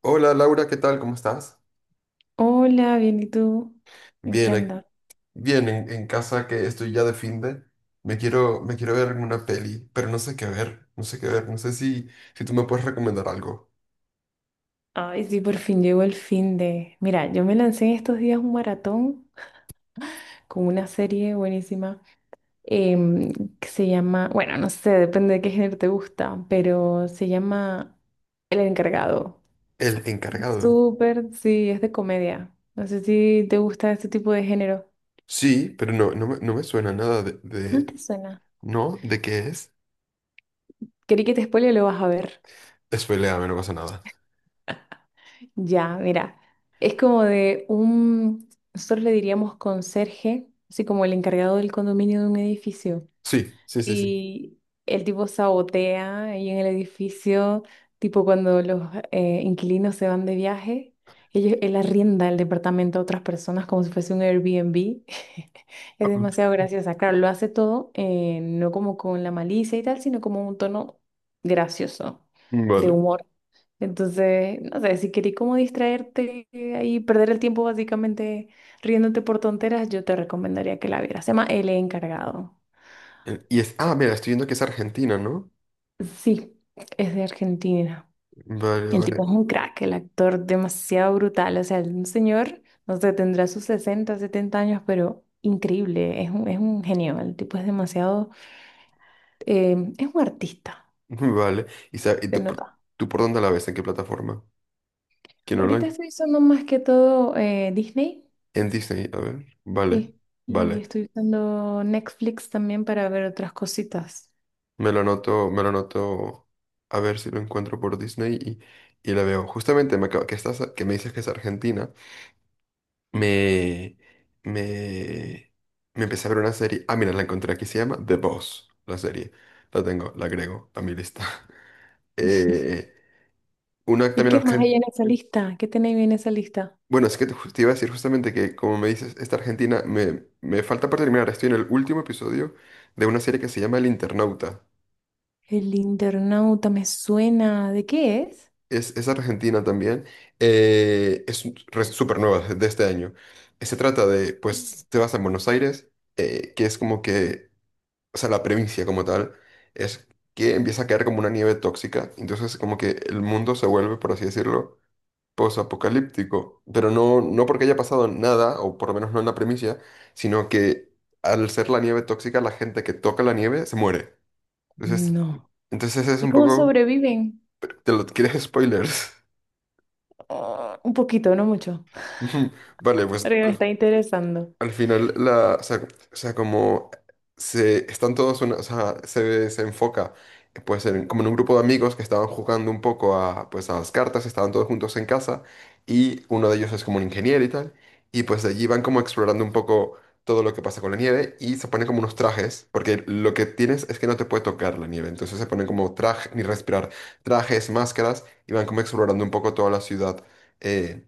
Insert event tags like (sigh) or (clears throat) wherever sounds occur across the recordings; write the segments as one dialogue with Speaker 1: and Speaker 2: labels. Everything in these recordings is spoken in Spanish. Speaker 1: Hola, Laura, ¿qué tal? ¿Cómo estás?
Speaker 2: Hola, bien, ¿y tú? ¿En qué
Speaker 1: Bien,
Speaker 2: andas?
Speaker 1: bien en casa, que estoy ya de fin de. Me quiero ver una peli, pero no sé qué ver, no sé qué ver, no sé si tú me puedes recomendar algo.
Speaker 2: Ay, sí, por fin llegó el fin de. Mira, yo me lancé en estos días un maratón con una serie buenísima em, que se llama, bueno, no sé, depende de qué género te gusta, pero se llama El Encargado.
Speaker 1: El encargado.
Speaker 2: Súper, sí, es de comedia. No sé si te gusta este tipo de género.
Speaker 1: Sí, pero no me suena nada
Speaker 2: ¿No te suena?
Speaker 1: ¿No? ¿De qué es?
Speaker 2: Quería que te spoile, lo vas a ver.
Speaker 1: Spoiléame, no pasa nada.
Speaker 2: Ya, mira, es como de nosotros le diríamos conserje, así como el encargado del condominio de un edificio.
Speaker 1: Sí, sí, sí, sí.
Speaker 2: Y el tipo sabotea ahí en el edificio, tipo cuando los inquilinos se van de viaje, él arrienda el departamento a otras personas como si fuese un Airbnb. Es demasiado
Speaker 1: (laughs)
Speaker 2: graciosa. Claro, lo hace todo, no como con la malicia y tal, sino como un tono gracioso,
Speaker 1: Mm.
Speaker 2: de
Speaker 1: Vale.
Speaker 2: humor. Entonces, no sé, si querí como distraerte ahí, perder el tiempo básicamente riéndote por tonteras, yo te recomendaría que la vieras. Se llama El Encargado.
Speaker 1: Y es... Ah, mira, estoy viendo que es Argentina, ¿no?
Speaker 2: Sí, es de Argentina.
Speaker 1: Vale,
Speaker 2: El tipo
Speaker 1: vale,
Speaker 2: es un crack, el actor demasiado brutal. O sea, un señor, no sé, tendrá sus 60 70 años, pero increíble. Es un genio. El tipo es demasiado es un artista,
Speaker 1: (laughs) vale. Y
Speaker 2: se
Speaker 1: tú, por
Speaker 2: nota.
Speaker 1: tú por dónde la ves? ¿En qué plataforma? ¿Quién no la
Speaker 2: Ahorita estoy usando más que todo Disney,
Speaker 1: En Disney, a ver. Vale,
Speaker 2: sí, y
Speaker 1: vale.
Speaker 2: estoy usando Netflix también para ver otras cositas.
Speaker 1: Me lo anoto, me lo anoto, a ver si lo encuentro por Disney y la veo. Justamente que estás, que me dices que es Argentina, me, me, me empecé a ver una serie. Ah, mira, la encontré aquí, se llama The Boss, la serie. La tengo, la agrego a mi lista. (laughs) Eh, una
Speaker 2: ¿Y
Speaker 1: también
Speaker 2: qué más hay
Speaker 1: argentina.
Speaker 2: en esa lista? ¿Qué tenéis en esa lista?
Speaker 1: Bueno, es que te iba a decir justamente que, como me dices, esta Argentina me falta por terminar. Estoy en el último episodio de una serie que se llama El Internauta.
Speaker 2: El internauta me suena. ¿De qué es?
Speaker 1: Es argentina también. Es súper nueva, de este año. Se trata de, pues, te vas a Buenos Aires, que es como que, o sea, la provincia como tal, es que empieza a caer como una nieve tóxica. Entonces, como que el mundo se vuelve, por así decirlo, posapocalíptico. Pero no porque haya pasado nada, o por lo menos no en la primicia, sino que al ser la nieve tóxica, la gente que toca la nieve se muere. Entonces,
Speaker 2: No.
Speaker 1: entonces es
Speaker 2: ¿Y
Speaker 1: un
Speaker 2: cómo
Speaker 1: poco,
Speaker 2: sobreviven?
Speaker 1: te lo (laughs) quieres spoilers.
Speaker 2: Ah, un poquito, no mucho. (laughs)
Speaker 1: Ujú. Vale,
Speaker 2: Porque me está interesando.
Speaker 1: al final la, o sea, como se están todos, o sea, se enfoca pues como en un grupo de amigos que estaban jugando un poco a, pues, a las cartas, estaban todos juntos en casa y uno de ellos es como un ingeniero y tal, y pues de allí van como explorando un poco todo lo que pasa con la nieve y se ponen como unos trajes, porque lo que tienes es que no te puede tocar la nieve, entonces se ponen como traje, ni respirar, trajes, máscaras y van como explorando un poco toda la ciudad. eh,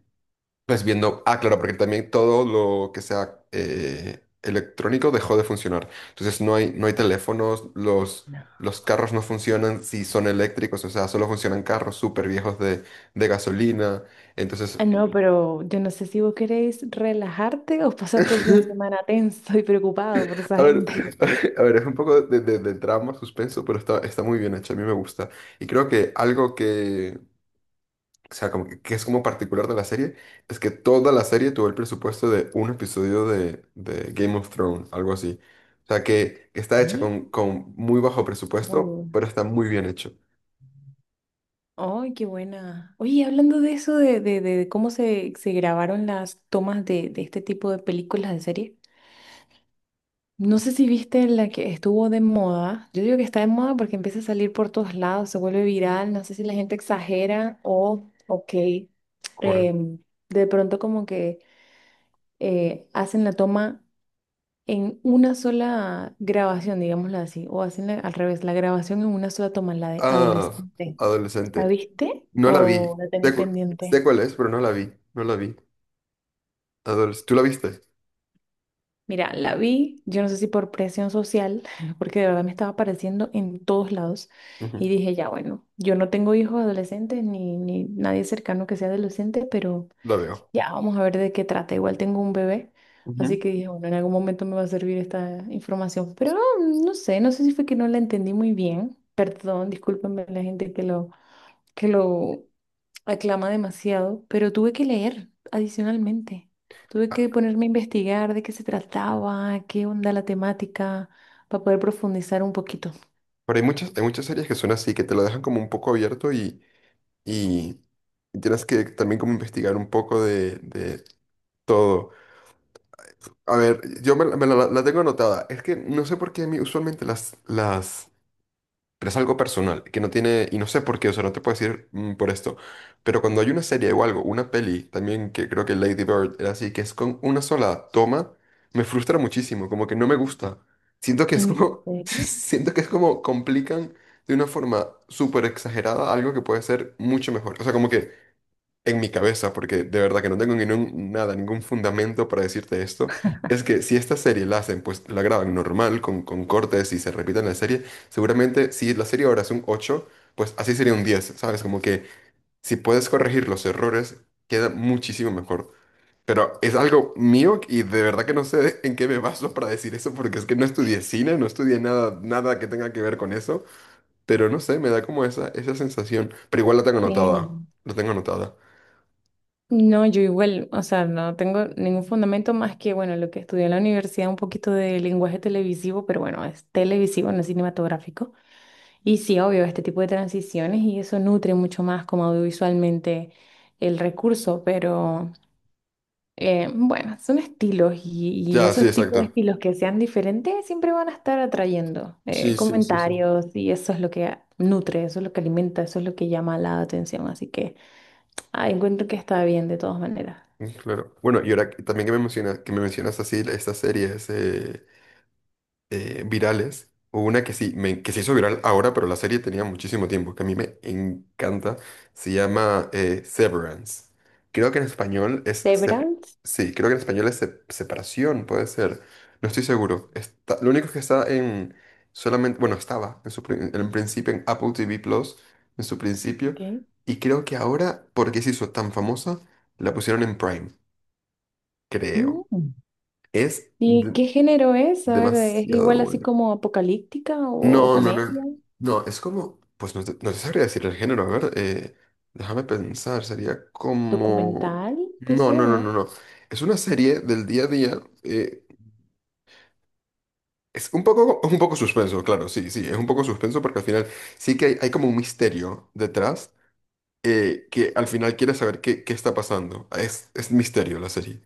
Speaker 1: pues viendo, ah, claro, porque también todo lo que sea electrónico dejó de funcionar. Entonces no hay, no hay teléfonos,
Speaker 2: No.
Speaker 1: los carros no funcionan si son eléctricos, o sea, solo funcionan carros súper viejos de gasolina. Entonces,
Speaker 2: Ah, no, pero yo no sé si vos queréis relajarte o pasar todo el fin de semana
Speaker 1: (laughs)
Speaker 2: tenso y preocupado por esa
Speaker 1: a ver,
Speaker 2: gente.
Speaker 1: (laughs) a ver, es un poco de drama, suspenso, pero está, está muy bien hecho, a mí me gusta. Y creo que algo que o sea, como que es como particular de la serie, es que toda la serie tuvo el presupuesto de un episodio de Game of Thrones, algo así. O sea, que está hecha
Speaker 2: ¿Eh?
Speaker 1: con muy bajo
Speaker 2: Muy
Speaker 1: presupuesto,
Speaker 2: buena.
Speaker 1: pero está muy bien hecho.
Speaker 2: ¡Ay, qué buena! Oye, y hablando de eso, de cómo se grabaron las tomas de este tipo de películas, de series, no sé si viste la que estuvo de moda. Yo digo que está de moda porque empieza a salir por todos lados, se vuelve viral, no sé si la gente exagera o, ok,
Speaker 1: ¿Cuál?
Speaker 2: em, de pronto como que hacen la toma en una sola grabación, digámoslo así, o hacen al revés, la grabación en una sola toma, la de
Speaker 1: Ah,
Speaker 2: adolescente. ¿La
Speaker 1: adolescente.
Speaker 2: viste
Speaker 1: No la
Speaker 2: o
Speaker 1: vi.
Speaker 2: la tenéis
Speaker 1: Sé
Speaker 2: pendiente?
Speaker 1: cuál es, pero no la vi. No la vi. Adoles- ¿Tú la viste?
Speaker 2: Mira, la vi, yo no sé si por presión social, (laughs) porque de verdad me estaba apareciendo en todos lados.
Speaker 1: Ujú.
Speaker 2: Y dije, ya bueno, yo no tengo hijos adolescentes ni nadie cercano que sea adolescente, pero
Speaker 1: La veo.
Speaker 2: ya vamos a ver de qué trata. Igual tengo un bebé, así
Speaker 1: Ujú.
Speaker 2: que dije, bueno, en algún momento me va a servir esta información. Pero no sé, no sé si fue que no la entendí muy bien. Perdón, discúlpenme la gente que lo aclama demasiado, pero tuve que leer adicionalmente. Tuve
Speaker 1: Ah,
Speaker 2: que ponerme a investigar de qué se trataba, qué onda la temática, para poder profundizar un poquito.
Speaker 1: pero hay muchas series que son así, que te lo dejan como un poco abierto y, y tienes que también como investigar un poco de todo. A ver, la tengo anotada. Es que no sé por qué a mí usualmente las... Pero es algo personal, que no tiene... Y no sé por qué, o sea, no te puedo decir mm, por esto. Pero cuando hay una serie o algo, una peli, también que creo que Lady Bird era así, que es con una sola toma, me frustra muchísimo, como que no me gusta. Siento que es
Speaker 2: ¿En
Speaker 1: como... (laughs)
Speaker 2: serio?
Speaker 1: Siento que es como complican de una forma súper exagerada algo que puede ser mucho mejor. O sea, como que en mi cabeza, porque de verdad que no tengo nada, ningún fundamento para decirte esto, es que si esta serie la hacen, pues la graban normal, con cortes y se repiten la serie, seguramente si la serie ahora es un ocho, pues así sería un diez, ¿sabes? Como que si puedes corregir los errores, queda muchísimo mejor. Pero es algo mío y de verdad que no sé (laughs) en qué me baso para decir eso, porque es que no estudié cine, no estudié nada, nada que tenga que ver con eso, pero no sé, me da como esa sensación, pero igual la tengo anotada,
Speaker 2: Sí.
Speaker 1: la tengo anotada.
Speaker 2: No, yo igual, o sea, no tengo ningún fundamento más que, bueno, lo que estudié en la universidad, un poquito de lenguaje televisivo, pero bueno, es televisivo, no es cinematográfico. Y sí, obvio, este tipo de transiciones y eso nutre mucho más como audiovisualmente el recurso, pero... bueno, son estilos y
Speaker 1: Ya, sí,
Speaker 2: esos tipos de
Speaker 1: exacto.
Speaker 2: estilos que sean diferentes siempre van a estar atrayendo
Speaker 1: Sí, sí, sí, sí.
Speaker 2: comentarios y eso es lo que nutre, eso es lo que alimenta, eso es lo que llama la atención. Así que ah, encuentro que está bien de todas maneras.
Speaker 1: Mm, claro. Bueno, y ahora también que me mencionas así estas series, virales. Hubo una que sí, que se hizo viral ahora, pero la serie tenía muchísimo tiempo, que a mí me encanta. Se llama Severance. Creo que en español es...
Speaker 2: The Brands,
Speaker 1: sí, creo que en español es sep- separación, puede ser. No estoy seguro. Está, lo único es que está en... Solamente, bueno, estaba en en principio en Apple TV Plus, en su principio.
Speaker 2: ok.
Speaker 1: Y creo que ahora, porque se hizo tan famosa, la pusieron en Prime, creo.
Speaker 2: Mm.
Speaker 1: Es
Speaker 2: ¿Y
Speaker 1: de-
Speaker 2: qué género es? A ver, ¿es
Speaker 1: demasiado
Speaker 2: igual así
Speaker 1: bueno.
Speaker 2: como apocalíptica o
Speaker 1: No, no, no.
Speaker 2: comedia?
Speaker 1: No, es como. Pues no te sabría decir el género. A ver, déjame pensar. Sería como.
Speaker 2: ¿Documental? Puede
Speaker 1: No,
Speaker 2: ser,
Speaker 1: no,
Speaker 2: ¿o
Speaker 1: no, no,
Speaker 2: no?
Speaker 1: no. Es una serie del día a día. Es un poco suspenso, claro, sí, sí. Es un poco suspenso porque al final sí que hay como un misterio detrás que al final quieres saber qué, qué está pasando. Es misterio la serie.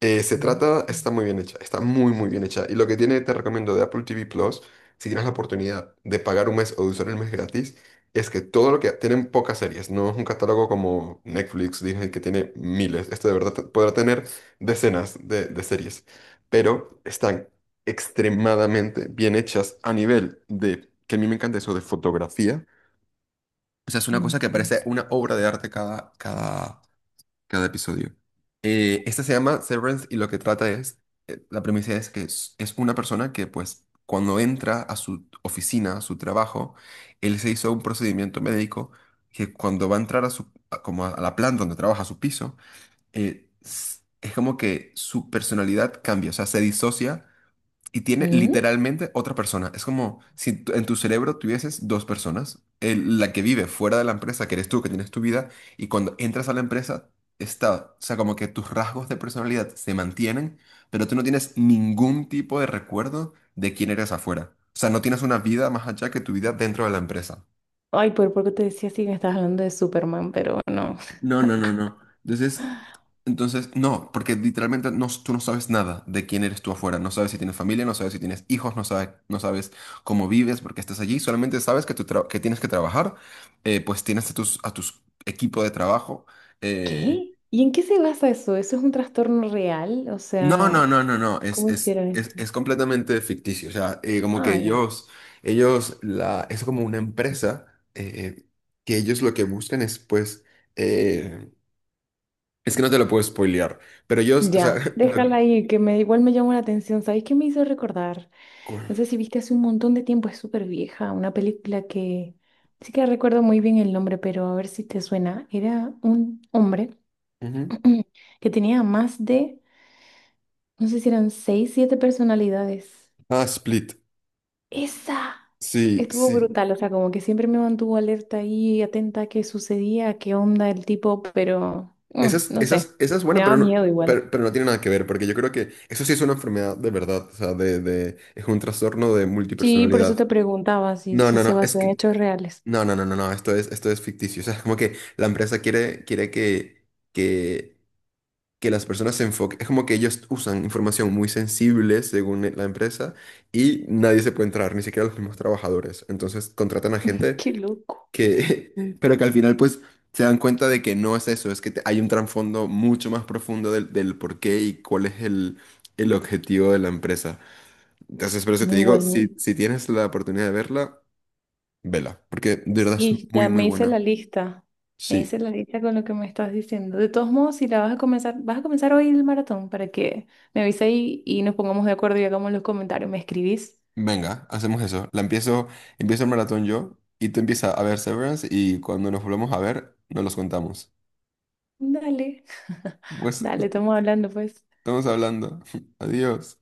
Speaker 1: Se
Speaker 2: Mm.
Speaker 1: trata, está muy bien hecha, está muy muy bien hecha. Y lo que tiene, te recomiendo de Apple TV Plus, si tienes la oportunidad de pagar un mes o de usar el mes gratis, es que todo lo que tienen pocas series, no es un catálogo como Netflix, Disney, que tiene miles. Este de verdad podrá tener decenas de series, pero están extremadamente bien hechas a nivel de, que a mí me encanta eso de fotografía. O sea, es una
Speaker 2: Me
Speaker 1: cosa que parece
Speaker 2: encanta.
Speaker 1: una obra de arte cada, cada episodio. Esta se llama Severance y lo que trata es, la premisa es que es una persona que pues cuando entra a su oficina, a su trabajo, él se hizo un procedimiento médico que cuando va a entrar a como a la planta donde trabaja, a su piso, es como que su personalidad cambia, o sea, se disocia y tiene
Speaker 2: Mm.
Speaker 1: literalmente otra persona. Es como si en tu cerebro tuvieses dos personas. La que vive fuera de la empresa, que eres tú, que tienes tu vida, y cuando entras a la empresa, está, o sea, como que tus rasgos de personalidad se mantienen, pero tú no tienes ningún tipo de recuerdo de quién eres afuera. O sea, no tienes una vida más allá que tu vida dentro de la empresa.
Speaker 2: Ay, por poco te decía si me estabas hablando de Superman, pero no.
Speaker 1: No, no, no, no. Entonces, entonces, no, porque literalmente no, tú no sabes nada de quién eres tú afuera. No sabes si tienes familia, no sabes si tienes hijos, no sabes, no sabes cómo vives porque estás allí. Solamente sabes que, que tienes que trabajar, pues tienes a a tus equipo de trabajo. Eh,
Speaker 2: ¿Qué? ¿Y en qué se basa eso? ¿Eso es un trastorno real? O
Speaker 1: No, no,
Speaker 2: sea,
Speaker 1: no, no, no.
Speaker 2: ¿cómo hicieron esto?
Speaker 1: Es completamente ficticio. O sea, como que
Speaker 2: Ah, ya.
Speaker 1: ellos, es como una empresa eh, que ellos lo que buscan es, pues, eh, Es que no te lo puedo spoilear, pero yo, o sea,
Speaker 2: Ya,
Speaker 1: (laughs) la-
Speaker 2: déjala ahí, que me, igual me llamó la atención. ¿Sabéis qué me hizo recordar? No
Speaker 1: cu-
Speaker 2: sé si viste hace un montón de tiempo, es súper vieja, una película que sí que recuerdo muy bien el nombre, pero a ver si te suena. Era un hombre
Speaker 1: Ujú.
Speaker 2: (clears throat) que tenía más de, no sé si eran seis, siete personalidades.
Speaker 1: Ah, Split.
Speaker 2: Esa
Speaker 1: Sí,
Speaker 2: estuvo
Speaker 1: sí.
Speaker 2: brutal, o sea, como que siempre me mantuvo alerta y atenta a qué sucedía, a qué onda el tipo, pero
Speaker 1: Esa es,
Speaker 2: no sé,
Speaker 1: esa es
Speaker 2: me
Speaker 1: buena,
Speaker 2: daba miedo igual.
Speaker 1: pero no tiene nada que ver, porque yo creo que eso sí es una enfermedad de verdad, o sea, de, es un trastorno de
Speaker 2: Sí, por eso te
Speaker 1: multipersonalidad.
Speaker 2: preguntaba si,
Speaker 1: No,
Speaker 2: si
Speaker 1: no,
Speaker 2: se
Speaker 1: no, es
Speaker 2: basó en
Speaker 1: que,
Speaker 2: hechos reales.
Speaker 1: no, no, no, no, no, esto es ficticio, o sea, es como que la empresa quiere, quiere que, que que las personas se enfoquen, es como que ellos usan información muy sensible según la empresa y nadie se puede entrar, ni siquiera los mismos trabajadores. Entonces contratan a gente
Speaker 2: Qué loco.
Speaker 1: que, (laughs) pero que al final pues se dan cuenta de que no es eso, es que hay un trasfondo mucho más profundo del por qué y cuál es el objetivo de la empresa. Entonces, por eso
Speaker 2: No,
Speaker 1: te digo,
Speaker 2: igual,
Speaker 1: si tienes la oportunidad de verla, vela, porque de verdad es
Speaker 2: sí,
Speaker 1: muy,
Speaker 2: ya
Speaker 1: muy
Speaker 2: me hice la
Speaker 1: buena.
Speaker 2: lista. Me
Speaker 1: Sí.
Speaker 2: hice la lista con lo que me estás diciendo. De todos modos, si la vas a comenzar hoy el maratón para que me avise ahí y nos pongamos de acuerdo y hagamos los comentarios. ¿Me escribís?
Speaker 1: Venga, hacemos eso. La empiezo, empiezo el maratón yo y tú empiezas a ver Severance y cuando nos volvamos a ver, nos los contamos.
Speaker 2: Dale, (laughs)
Speaker 1: Pues
Speaker 2: dale, estamos hablando pues.
Speaker 1: estamos hablando. (laughs) Adiós.